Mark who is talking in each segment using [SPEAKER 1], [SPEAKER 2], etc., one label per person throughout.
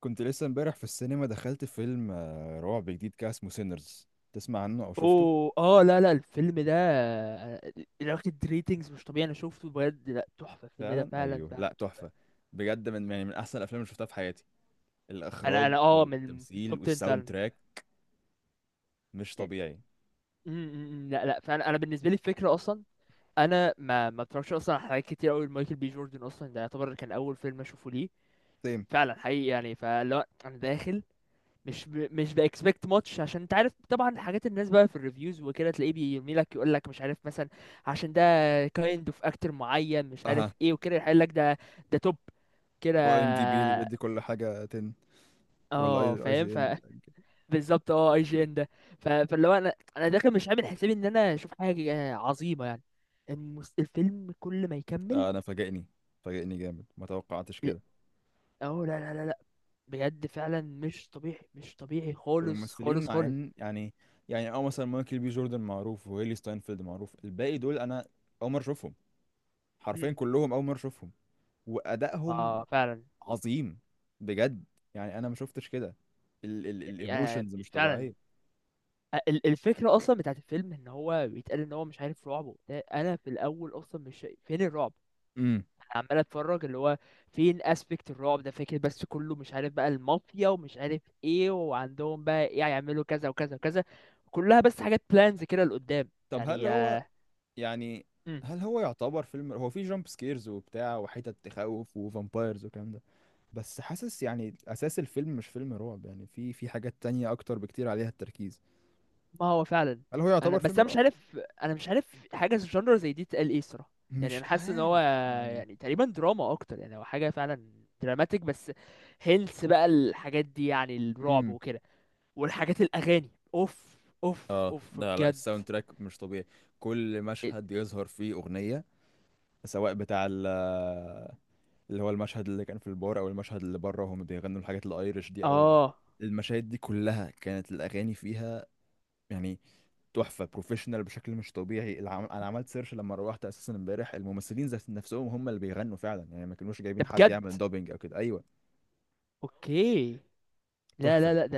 [SPEAKER 1] كنت لسه امبارح في السينما دخلت فيلم رعب جديد كده اسمه سينرز. تسمع عنه او شفته؟
[SPEAKER 2] اوه اه لا لا الفيلم ده واخد ريتنجز مش طبيعي، انا شفته بجد. لا تحفه، الفيلم ده
[SPEAKER 1] فعلا،
[SPEAKER 2] فعلا
[SPEAKER 1] ايوه،
[SPEAKER 2] فعلا
[SPEAKER 1] لا
[SPEAKER 2] تحفه.
[SPEAKER 1] تحفه. بجد يعني من احسن الافلام اللي شفتها في حياتي.
[SPEAKER 2] انا
[SPEAKER 1] الاخراج
[SPEAKER 2] انا من
[SPEAKER 1] والتمثيل
[SPEAKER 2] توب 10
[SPEAKER 1] والساوند
[SPEAKER 2] فعلا.
[SPEAKER 1] تراك مش
[SPEAKER 2] يعني
[SPEAKER 1] طبيعي.
[SPEAKER 2] م- م- م، لا لا فعلا، انا بالنسبه لي الفكره اصلا، انا ما اتفرجش اصلا على حاجات كتير قوي. مايكل بي جوردن اصلا ده يعتبر كان اول فيلم اشوفه ليه،
[SPEAKER 1] سيم.
[SPEAKER 2] فعلا حقيقي. يعني فلا انا داخل مش باكسبكت ماتش، عشان انت عارف طبعا حاجات الناس بقى في الريفيوز وكده، تلاقيه بيرمي لك يقول لك مش عارف مثلا عشان ده كايند اوف اكتر معين مش
[SPEAKER 1] اها.
[SPEAKER 2] عارف ايه وكده، يقول لك ده ده توب كده.
[SPEAKER 1] هو ام دي بي اللي بيدي كل حاجة 10؟ ولا
[SPEAKER 2] اه
[SPEAKER 1] اي
[SPEAKER 2] فاهم.
[SPEAKER 1] جي ان؟
[SPEAKER 2] بالظبط. اه، اي جي ان ده فاللي هو انا داخل مش عامل حسابي ان انا اشوف حاجه عظيمه يعني. الفيلم كل ما يكمل.
[SPEAKER 1] انا فاجئني. فاجئني جامد، ما توقعتش
[SPEAKER 2] لا-
[SPEAKER 1] كده.
[SPEAKER 2] اه لا لا لا لا، بجد فعلا مش طبيعي مش طبيعي خالص
[SPEAKER 1] والممثلين
[SPEAKER 2] خالص
[SPEAKER 1] مع
[SPEAKER 2] خالص.
[SPEAKER 1] ان يعني مثلا مايكل بي جوردن معروف، وهيلي ستاينفيلد معروف. الباقي دول انا اول مره اشوفهم، حرفيا
[SPEAKER 2] مم.
[SPEAKER 1] كلهم اول مره اشوفهم. وادائهم
[SPEAKER 2] اه فعلا.
[SPEAKER 1] عظيم بجد. يعني انا ما شفتش كده،
[SPEAKER 2] يعني آه
[SPEAKER 1] الايموشنز مش
[SPEAKER 2] فعلا.
[SPEAKER 1] طبيعيه.
[SPEAKER 2] الفكرة أصلا بتاعت الفيلم إن هو بيتقال إن هو مش عارف رعب وبتاع. أنا في الأول أصلا مش شايف- فين الرعب؟
[SPEAKER 1] امم
[SPEAKER 2] أنا عمال أتفرج اللي هو فين أسبكت الرعب ده، فاكر بس كله مش عارف بقى المافيا ومش عارف إيه، وعندهم بقى إيه هيعملوا كذا وكذا وكذا. كلها بس حاجات بلانز كده لقدام
[SPEAKER 1] طب
[SPEAKER 2] يعني
[SPEAKER 1] يعني
[SPEAKER 2] مم.
[SPEAKER 1] هل هو يعتبر فيلم هو فيه جامب سكيرز وبتاع وحتت تخوف وفامبايرز والكلام ده؟ بس حاسس يعني اساس الفيلم مش فيلم رعب. يعني في حاجات تانية اكتر بكتير عليها التركيز.
[SPEAKER 2] ما هو فعلا.
[SPEAKER 1] هل هو يعتبر فيلم
[SPEAKER 2] أنا مش
[SPEAKER 1] رعب؟
[SPEAKER 2] عارف. أنا مش عارف حاجة في الجنرا زي دي تقال إيه الصراحة. يعني
[SPEAKER 1] مش
[SPEAKER 2] أنا حاسس إن هو
[SPEAKER 1] عارف يعني.
[SPEAKER 2] يعني تقريبا دراما أكتر، يعني هو حاجة فعلا دراماتيك بس. هيلث بقى الحاجات دي يعني الرعب
[SPEAKER 1] امم
[SPEAKER 2] وكده. والحاجات الاغاني اوف اوف
[SPEAKER 1] اه،
[SPEAKER 2] اوف
[SPEAKER 1] ده، لا،
[SPEAKER 2] بجد.
[SPEAKER 1] الساوند تراك مش طبيعي. كل
[SPEAKER 2] إيه،
[SPEAKER 1] مشهد يظهر فيه اغنيه، سواء بتاع اللي هو المشهد اللي كان في البار، او المشهد اللي بره وهم بيغنوا الحاجات الايرش دي، او
[SPEAKER 2] اه
[SPEAKER 1] المشاهد دي كلها كانت الاغاني فيها. يعني تحفه، بروفيشنال بشكل مش طبيعي. انا عملت سيرش لما روحت اساسا امبارح. الممثلين ذات نفسهم هم اللي بيغنوا فعلا، يعني ما كانوش
[SPEAKER 2] ده
[SPEAKER 1] جايبين حد
[SPEAKER 2] بجد.
[SPEAKER 1] يعمل دوبينج او كده. ايوه،
[SPEAKER 2] اوكي. لا لا
[SPEAKER 1] تحفه.
[SPEAKER 2] لا ده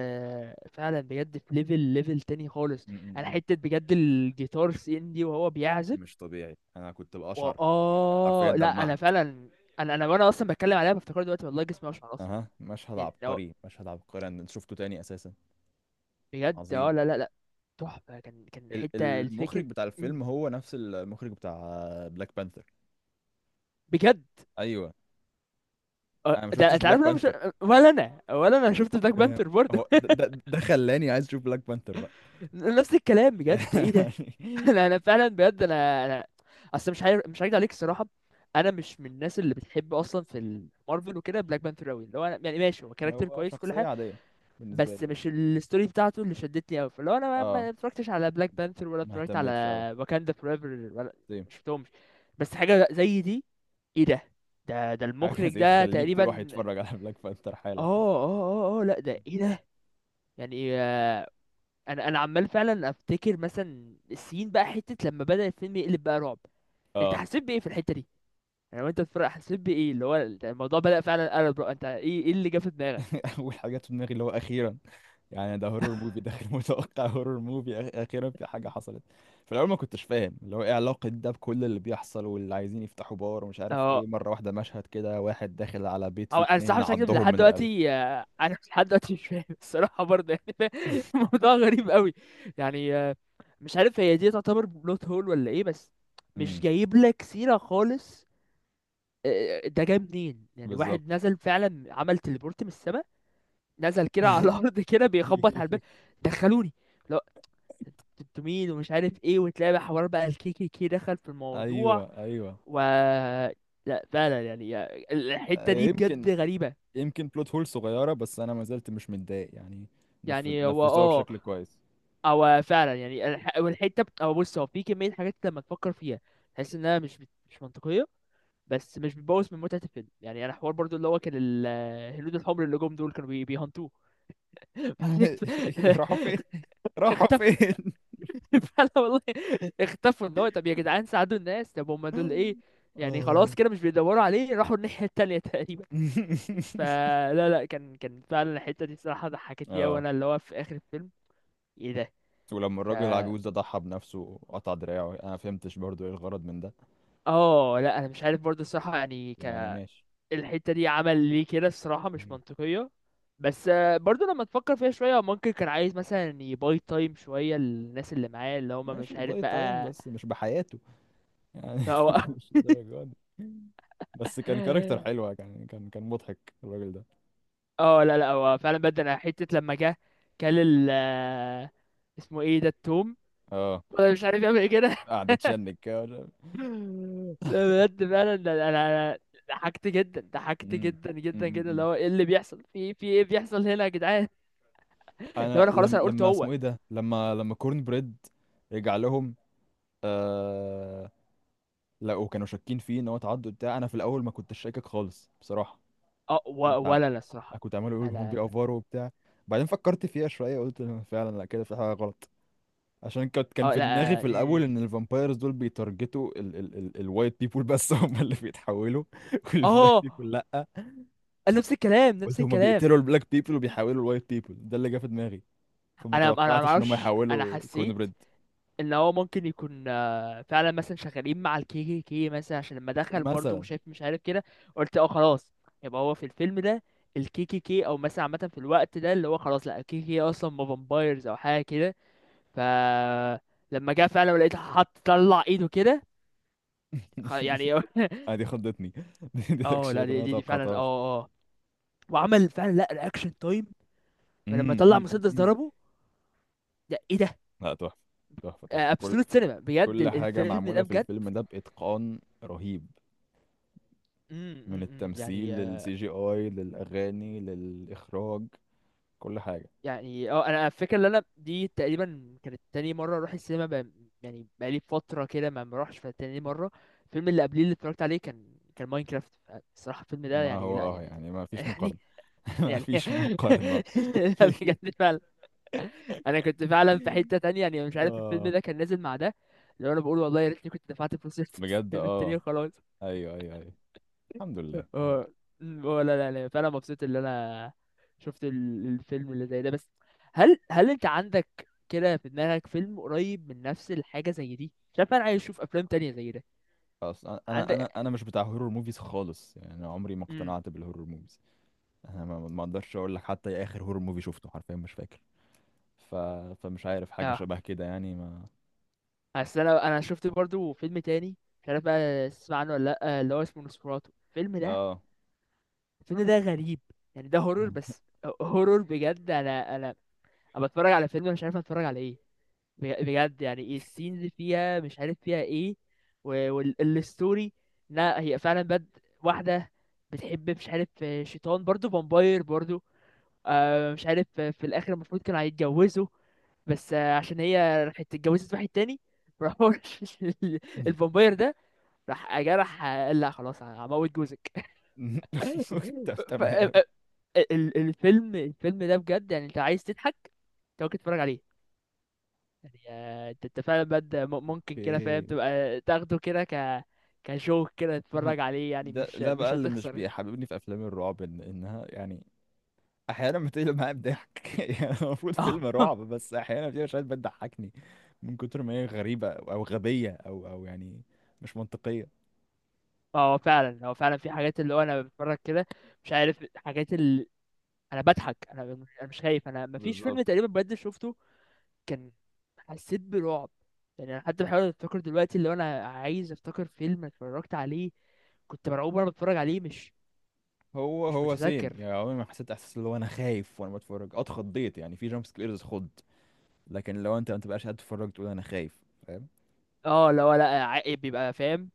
[SPEAKER 2] فعلا بجد في ليفل ليفل تاني خالص.
[SPEAKER 1] م- م-
[SPEAKER 2] انا
[SPEAKER 1] م.
[SPEAKER 2] حته بجد الجيتار سي ان دي وهو بيعزف.
[SPEAKER 1] مش طبيعي، انا كنت بقشعر. يعني حرفيا
[SPEAKER 2] اه لا
[SPEAKER 1] دمعت.
[SPEAKER 2] انا فعلا. انا وانا اصلا بتكلم عليها بفتكر دلوقتي والله جسمي اشعر اصلا،
[SPEAKER 1] اها، مشهد
[SPEAKER 2] يعني
[SPEAKER 1] عبقري، مشهد عبقري. انا شفته تاني اساسا.
[SPEAKER 2] بجد.
[SPEAKER 1] عظيم.
[SPEAKER 2] اه لا لا لا تحفه، كان كان حته
[SPEAKER 1] المخرج
[SPEAKER 2] الفكر.
[SPEAKER 1] بتاع
[SPEAKER 2] مم.
[SPEAKER 1] الفيلم هو نفس المخرج بتاع بلاك بانثر.
[SPEAKER 2] بجد
[SPEAKER 1] ايوه. انا ما
[SPEAKER 2] ده
[SPEAKER 1] شفتش
[SPEAKER 2] انت عارف
[SPEAKER 1] بلاك
[SPEAKER 2] إن انا مش،
[SPEAKER 1] بانثر.
[SPEAKER 2] ولا انا ولا انا شفت بلاك
[SPEAKER 1] ده
[SPEAKER 2] بانثر برضه.
[SPEAKER 1] هو ده ده, ده خلاني عايز اشوف بلاك بانثر بقى.
[SPEAKER 2] نفس الكلام بجد، ايه ده؟
[SPEAKER 1] يعني
[SPEAKER 2] انا فعلا بجد انا اصل مش عارف، مش هكدب عليك الصراحه. انا مش من الناس اللي بتحب اصلا في مارفل وكده بلاك بانثر قوي. اللي هو انا يعني ماشي هو كاركتر
[SPEAKER 1] هو
[SPEAKER 2] كويس وكل
[SPEAKER 1] شخصية
[SPEAKER 2] حاجه،
[SPEAKER 1] عادية بالنسبة
[SPEAKER 2] بس
[SPEAKER 1] لي يعني.
[SPEAKER 2] مش الستوري بتاعته اللي شدتني قوي. فاللي هو انا ما
[SPEAKER 1] اه،
[SPEAKER 2] ما اتفرجتش على بلاك بانثر ولا
[SPEAKER 1] ما
[SPEAKER 2] اتفرجت على
[SPEAKER 1] اهتمتش قوي.
[SPEAKER 2] واكاندا فورايفر ولا
[SPEAKER 1] طيب،
[SPEAKER 2] شفتهمش. بس حاجه زي دي، ايه ده؟ ده
[SPEAKER 1] حاجة
[SPEAKER 2] المخرج
[SPEAKER 1] زي
[SPEAKER 2] ده
[SPEAKER 1] تخليك تروح
[SPEAKER 2] تقريبا.
[SPEAKER 1] يتفرج على بلاك بانثر
[SPEAKER 2] اه
[SPEAKER 1] حالا.
[SPEAKER 2] اه اه. اه لا ده ايه ده؟ يعني انا عمال فعلا افتكر مثلا السين بقى حته لما بدأ الفيلم يقلب بقى رعب. انت
[SPEAKER 1] اه.
[SPEAKER 2] حسيت بايه في الحته دي؟ يعني وانت بتتفرج حسيت بايه اللي هو انت الموضوع بدأ فعلا قلب؟ انت ايه ايه اللي جه في دماغك؟
[SPEAKER 1] اول حاجة جت في دماغي اللي هو اخيرا. يعني ده هورور موفي، داخل متوقع هورور موفي، اخيرا في حاجة حصلت. في الاول ما كنتش فاهم اللي هو ايه علاقة ده بكل اللي بيحصل، واللي عايزين يفتحوا بار ومش عارف
[SPEAKER 2] اه.
[SPEAKER 1] ايه. مرة واحدة مشهد كده، واحد داخل على بيت
[SPEAKER 2] هو
[SPEAKER 1] فيه
[SPEAKER 2] انا الصراحه
[SPEAKER 1] اتنين
[SPEAKER 2] مش هكذب
[SPEAKER 1] عضهم
[SPEAKER 2] لحد
[SPEAKER 1] من رقبته.
[SPEAKER 2] دلوقتي، انا لحد دلوقتي مش فاهم الصراحه برضه. يعني الموضوع غريب قوي. يعني مش عارف هي دي تعتبر بلوت هول ولا ايه؟ بس مش جايب لك سيره خالص. ده جاي منين؟ يعني واحد
[SPEAKER 1] بالظبط.
[SPEAKER 2] نزل فعلا عمل تليبورت من السماء، نزل كده على الارض كده بيخبط على الباب. دخلوني، انتوا مين ومش عارف ايه، وتلاقي حوار بقى الكيكي كي كي دخل في الموضوع.
[SPEAKER 1] ايوه، ايوه.
[SPEAKER 2] و لا فعلا يعني الحته
[SPEAKER 1] آه،
[SPEAKER 2] دي بجد
[SPEAKER 1] يمكن
[SPEAKER 2] غريبه.
[SPEAKER 1] يمكن بلوت هول صغيره، بس انا ما زلت مش متضايق يعني. نف...
[SPEAKER 2] يعني هو
[SPEAKER 1] نفذوها
[SPEAKER 2] اه،
[SPEAKER 1] بشكل كويس.
[SPEAKER 2] او فعلا يعني او بص، هو في كميه حاجات لما تفكر فيها تحس انها مش منطقيه، بس مش بتبوظ من متعه الفيلم. يعني انا حوار برضو اللي هو كان الهنود الحمر اللي جم دول كانوا بيهنتوه. بعدين
[SPEAKER 1] راحوا فين؟ راحوا
[SPEAKER 2] اختفوا.
[SPEAKER 1] فين؟
[SPEAKER 2] فعلا والله اختفوا، ان هو طب يا جدعان ساعدوا الناس. طب هم دول ايه؟ يعني
[SPEAKER 1] اه.
[SPEAKER 2] خلاص كده مش بيدوروا عليه، راحوا الناحية التانية تقريبا. فلا لا، كان كان فعلا الحتة دي الصراحة ضحكتني أوي.
[SPEAKER 1] اه،
[SPEAKER 2] أنا اللي هو في آخر الفيلم ايه ده؟
[SPEAKER 1] ولما
[SPEAKER 2] ف
[SPEAKER 1] الراجل العجوز ده ضحى بنفسه وقطع دراعه، انا ما فهمتش برضو ايه الغرض من ده.
[SPEAKER 2] اه لا أنا مش عارف برضه الصراحة. يعني
[SPEAKER 1] يعني ماشي.
[SPEAKER 2] الحتة دي عمل ليه كده الصراحة؟ مش
[SPEAKER 1] مم.
[SPEAKER 2] منطقية. بس برضه لما تفكر فيها شوية، هو ممكن كان عايز مثلا يباي تايم شوية للناس اللي معاه اللي هما
[SPEAKER 1] ماشي
[SPEAKER 2] مش عارف
[SPEAKER 1] باي تايم،
[SPEAKER 2] بقى.
[SPEAKER 1] بس مش بحياته يعني.
[SPEAKER 2] هو
[SPEAKER 1] مش الدرجه دي. بس كان كاركتر حلوة، كان مضحك الراجل ده.
[SPEAKER 2] اه لا لا، هو فعلا بدأ حتة لما جه كل ال اسمه ايه ده؟ التوم
[SPEAKER 1] اه،
[SPEAKER 2] انا مش عارف يعمل ايه كده.
[SPEAKER 1] قاعد يتشنج كده
[SPEAKER 2] لا بجد فعلا ده انا. أنا ضحكت جدا، ضحكت
[SPEAKER 1] مم.
[SPEAKER 2] جدا
[SPEAKER 1] مم.
[SPEAKER 2] جدا جدا. اللي
[SPEAKER 1] مم.
[SPEAKER 2] هو ايه اللي بيحصل في في ايه بيحصل هنا يا جدعان؟ لو
[SPEAKER 1] انا
[SPEAKER 2] انا خلاص.
[SPEAKER 1] لم...
[SPEAKER 2] انا قلت
[SPEAKER 1] لما
[SPEAKER 2] هو
[SPEAKER 1] اسمه ايه ده، لما كورن بريد رجع لهم آه... لقوا، كانوا شاكين فيه ان هو تعدوا بتاع. انا في الاول ما كنتش شاكك خالص بصراحه.
[SPEAKER 2] اه،
[SPEAKER 1] كنت عم...
[SPEAKER 2] ولا لا الصراحة.
[SPEAKER 1] كنت عمال اقول هم
[SPEAKER 2] انا
[SPEAKER 1] بيأفوروا وبتاع. بعدين فكرت فيها شويه، قلت فعلا لا، كده في حاجه غلط. عشان كان
[SPEAKER 2] اه
[SPEAKER 1] في دماغي
[SPEAKER 2] لا
[SPEAKER 1] في الاول ان الفامبايرز دول بيتارجتوا ال ال ال الوايت بيبول بس، هم اللي بيتحولوا. والبلاك
[SPEAKER 2] اه
[SPEAKER 1] بيبول لا.
[SPEAKER 2] اه نفس الكلام
[SPEAKER 1] قلت
[SPEAKER 2] نفس
[SPEAKER 1] هما
[SPEAKER 2] الكلام.
[SPEAKER 1] بيقتلوا البلاك بيبل وبيحولوا الوايت بيبل، ده اللي جه في دماغي. فما
[SPEAKER 2] انا ما
[SPEAKER 1] توقعتش ان هما
[SPEAKER 2] اعرفش. انا
[SPEAKER 1] يحولوا كورن
[SPEAKER 2] حسيت
[SPEAKER 1] بريد
[SPEAKER 2] ان هو ممكن يكون فعلا مثلا شغالين مع الكي كي كي مثلا، عشان لما دخل برضه
[SPEAKER 1] مثلا.
[SPEAKER 2] وشايف مش عارف كده، قلت اه خلاص يبقى هو في الفيلم ده الكي كي كي او مثلا عامه في الوقت ده اللي هو خلاص لا الكي كي كي اصلا ما فامبايرز او حاجه كده. ف لما جه فعلا ولقيت حط طلع ايده كده يعني
[SPEAKER 1] آه دي خضتني. دي
[SPEAKER 2] اه لا
[SPEAKER 1] اكشن ما
[SPEAKER 2] دي فعلا.
[SPEAKER 1] توقعتهاش.
[SPEAKER 2] اه اه وعمل فعلا لا رياكشن تايم لما
[SPEAKER 1] أمم،
[SPEAKER 2] طلع
[SPEAKER 1] أمم،
[SPEAKER 2] مسدس
[SPEAKER 1] أمم.
[SPEAKER 2] ضربه. ده ايه ده؟
[SPEAKER 1] لا تحفه، تحفه، تحفه. كل
[SPEAKER 2] ابسولوت سينما بجد
[SPEAKER 1] كل حاجه
[SPEAKER 2] الفيلم
[SPEAKER 1] معموله
[SPEAKER 2] ده
[SPEAKER 1] في
[SPEAKER 2] بجد.
[SPEAKER 1] الفيلم ده باتقان رهيب، من
[SPEAKER 2] إمم، إمم،
[SPEAKER 1] التمثيل
[SPEAKER 2] يعني.
[SPEAKER 1] للسي جي اي للاغاني للاخراج، كل حاجه.
[SPEAKER 2] يعني اه انا الفكره ان انا دي تقريبا كانت تاني مره اروح السينما، يعني بقالي فتره كده ما بروحش. فتاني مره الفيلم اللي قبليه اللي اتفرجت عليه كان كان ماينكرافت. الصراحه الفيلم ده
[SPEAKER 1] ما
[SPEAKER 2] يعني
[SPEAKER 1] هو
[SPEAKER 2] لا يعني
[SPEAKER 1] يعني ما فيش
[SPEAKER 2] يعني.
[SPEAKER 1] مقارنه. ما
[SPEAKER 2] يعني
[SPEAKER 1] فيش مقارنه.
[SPEAKER 2] لا بجد فعلا. انا كنت فعلا في حته تانية، يعني مش عارف الفيلم
[SPEAKER 1] اه
[SPEAKER 2] ده كان نازل مع ده، لو انا بقول والله يا ريتني كنت دفعت فلوس
[SPEAKER 1] بجد،
[SPEAKER 2] الفيلم التاني
[SPEAKER 1] اه،
[SPEAKER 2] وخلاص.
[SPEAKER 1] ايوه ايوه ايوه. الحمد لله، الحمد لله.
[SPEAKER 2] اه لا لا لا، فانا مبسوط اللي انا شفت الفيلم اللي زي ده. بس هل انت عندك كده في دماغك فيلم قريب من نفس الحاجه زي دي؟ شايف انا عايز اشوف افلام تانية زي ده.
[SPEAKER 1] خلاص، انا انا
[SPEAKER 2] عندك؟
[SPEAKER 1] انا أنا مش بتاع هورور موفيز خالص. يعني انا عمري ما
[SPEAKER 2] امم
[SPEAKER 1] اقتنعت بالهورور موفيز. انا ما اقدرش اقول لك حتى ايه اخر هورور موفي شفته، حرفيا مش فاكر. ف... فمش عارف حاجه
[SPEAKER 2] اه.
[SPEAKER 1] شبه كده يعني ما.
[SPEAKER 2] اصل انا شفت برضو فيلم تاني، مش عارف بقى تسمع عنه ولا لا، اللي هو اسمه نوسفراتو الفيلم ده.
[SPEAKER 1] اه
[SPEAKER 2] الفيلم ده غريب، يعني ده هورور بس. هورور بجد. انا انا انا بتفرج على فيلم أنا مش عارف اتفرج على ايه. بجد يعني ايه السينز فيها مش عارف فيها ايه. والستوري لا هي فعلا بد. واحدة بتحب مش عارف شيطان برضو، فامباير برضو. آه مش عارف في الاخر المفروض كانوا هيتجوزوا بس عشان هي راحت اتجوزت واحد تاني، راح هو الفامباير ده راح جرح، قال لا خلاص هموت جوزك.
[SPEAKER 1] ت-
[SPEAKER 2] ف... ف...
[SPEAKER 1] تمام
[SPEAKER 2] الفيلم الفيلم ده بجد، يعني انت عايز تضحك انت ممكن تتفرج عليه. يعني انت انت فعلا بجد ممكن كده
[SPEAKER 1] اوكي.
[SPEAKER 2] فاهم تبقى تاخده كده كجوك كده
[SPEAKER 1] ما-
[SPEAKER 2] تتفرج عليه. يعني
[SPEAKER 1] ده
[SPEAKER 2] مش
[SPEAKER 1] ده بقى
[SPEAKER 2] مش
[SPEAKER 1] اللي مش
[SPEAKER 2] هتخسر.
[SPEAKER 1] بيحببني في افلام الرعب، انها يعني احيانا بتقلب معايا بضحك. يعني المفروض فيلم رعب، بس احيانا في مشاهد بتضحكني من كتر ما هي غريبه، أو غبيه، او يعني مش منطقيه.
[SPEAKER 2] اه هو فعلا هو فعلا في حاجات اللي هو انا بتفرج كده مش عارف، حاجات اللي انا بضحك. انا انا مش خايف. انا مفيش
[SPEAKER 1] بالظبط.
[SPEAKER 2] فيلم تقريبا بجد شفته كان حسيت برعب. يعني انا حتى بحاول افتكر دلوقتي اللي هو انا عايز افتكر فيلم اتفرجت عليه كنت مرعوب وانا بتفرج عليه. مش
[SPEAKER 1] هو
[SPEAKER 2] مش
[SPEAKER 1] هو سيم.
[SPEAKER 2] متذكر.
[SPEAKER 1] يعني عمري ما حسيت احساس اللي هو انا خايف وانا بتفرج. اه اتخضيت يعني في جامب سكيرز، خض. لكن لو انت ما تبقاش قاعد تتفرج تقول انا خايف، فاهم.
[SPEAKER 2] اه لا لا، بيبقى فاهم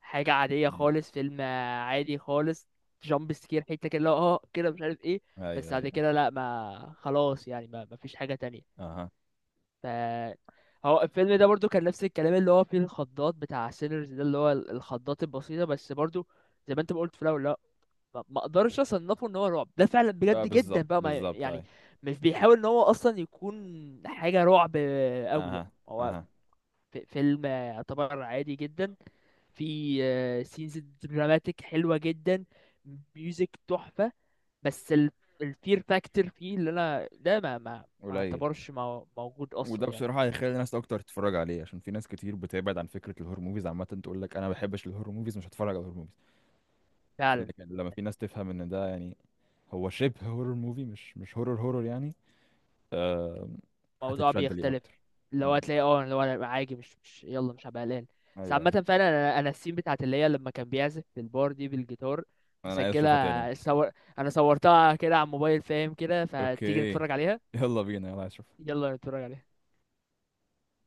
[SPEAKER 2] حاجة عادية
[SPEAKER 1] مم.
[SPEAKER 2] خالص، فيلم عادي خالص. جامب سكير حتة كده اللي هو اه كده مش عارف ايه، بس
[SPEAKER 1] ايوه،
[SPEAKER 2] بعد
[SPEAKER 1] ايوه.
[SPEAKER 2] كده لا، ما خلاص يعني ما فيش حاجة تانية.
[SPEAKER 1] اها،
[SPEAKER 2] ف هو الفيلم ده برضو كان نفس الكلام، اللي هو فيه الخضات بتاع سينرز ده، اللي هو الخضات البسيطة بس. برضو زي ما انت ما قلت في الاول، لا ما اقدرش اصنفه ان هو رعب. ده فعلا
[SPEAKER 1] اه،
[SPEAKER 2] بجد جدا
[SPEAKER 1] بالظبط،
[SPEAKER 2] بقى، ما
[SPEAKER 1] بالظبط،
[SPEAKER 2] يعني
[SPEAKER 1] اي.
[SPEAKER 2] مش بيحاول ان هو اصلا يكون حاجة رعب قوي. لا
[SPEAKER 1] اها،
[SPEAKER 2] هو
[SPEAKER 1] اها.
[SPEAKER 2] فيلم يعتبر عادي جدا، في سينز دراماتيك حلوة جدا، ميوزك تحفة، بس الفير فاكتور فيه اللي انا ده ما
[SPEAKER 1] قليل.
[SPEAKER 2] اعتبرش موجود اصلا
[SPEAKER 1] وده
[SPEAKER 2] يعني.
[SPEAKER 1] بصراحة هيخلي ناس أكتر تتفرج عليه، عشان في ناس كتير بتبعد عن فكرة الهور موفيز عامة، تقول لك أنا ما بحبش الهور موفيز، مش هتفرج على الهور موفيز.
[SPEAKER 2] فعلا
[SPEAKER 1] فلكن لما في ناس تفهم إن ده يعني هو شبه هورر موفي، مش هورر هورر يعني، آه،
[SPEAKER 2] الموضوع
[SPEAKER 1] هتتشد ليه
[SPEAKER 2] بيختلف.
[SPEAKER 1] أكتر.
[SPEAKER 2] لو
[SPEAKER 1] أمم.
[SPEAKER 2] هتلاقي اه لو انا عادي مش مش يلا مش هبقى قلقان.
[SPEAKER 1] أيوه،
[SPEAKER 2] بس
[SPEAKER 1] أيوه.
[SPEAKER 2] عامة فعلا انا السين بتاعت اللي هي لما كان بيعزف في البار دي بالجيتار
[SPEAKER 1] أنا عايز
[SPEAKER 2] مسجلة.
[SPEAKER 1] أشوفها تاني.
[SPEAKER 2] صور، انا صورتها كده على الموبايل فاهم كده، فتيجي
[SPEAKER 1] أوكي.
[SPEAKER 2] نتفرج عليها؟
[SPEAKER 1] يلا بينا، يلا عايز أشوفها
[SPEAKER 2] يلا نتفرج عليها.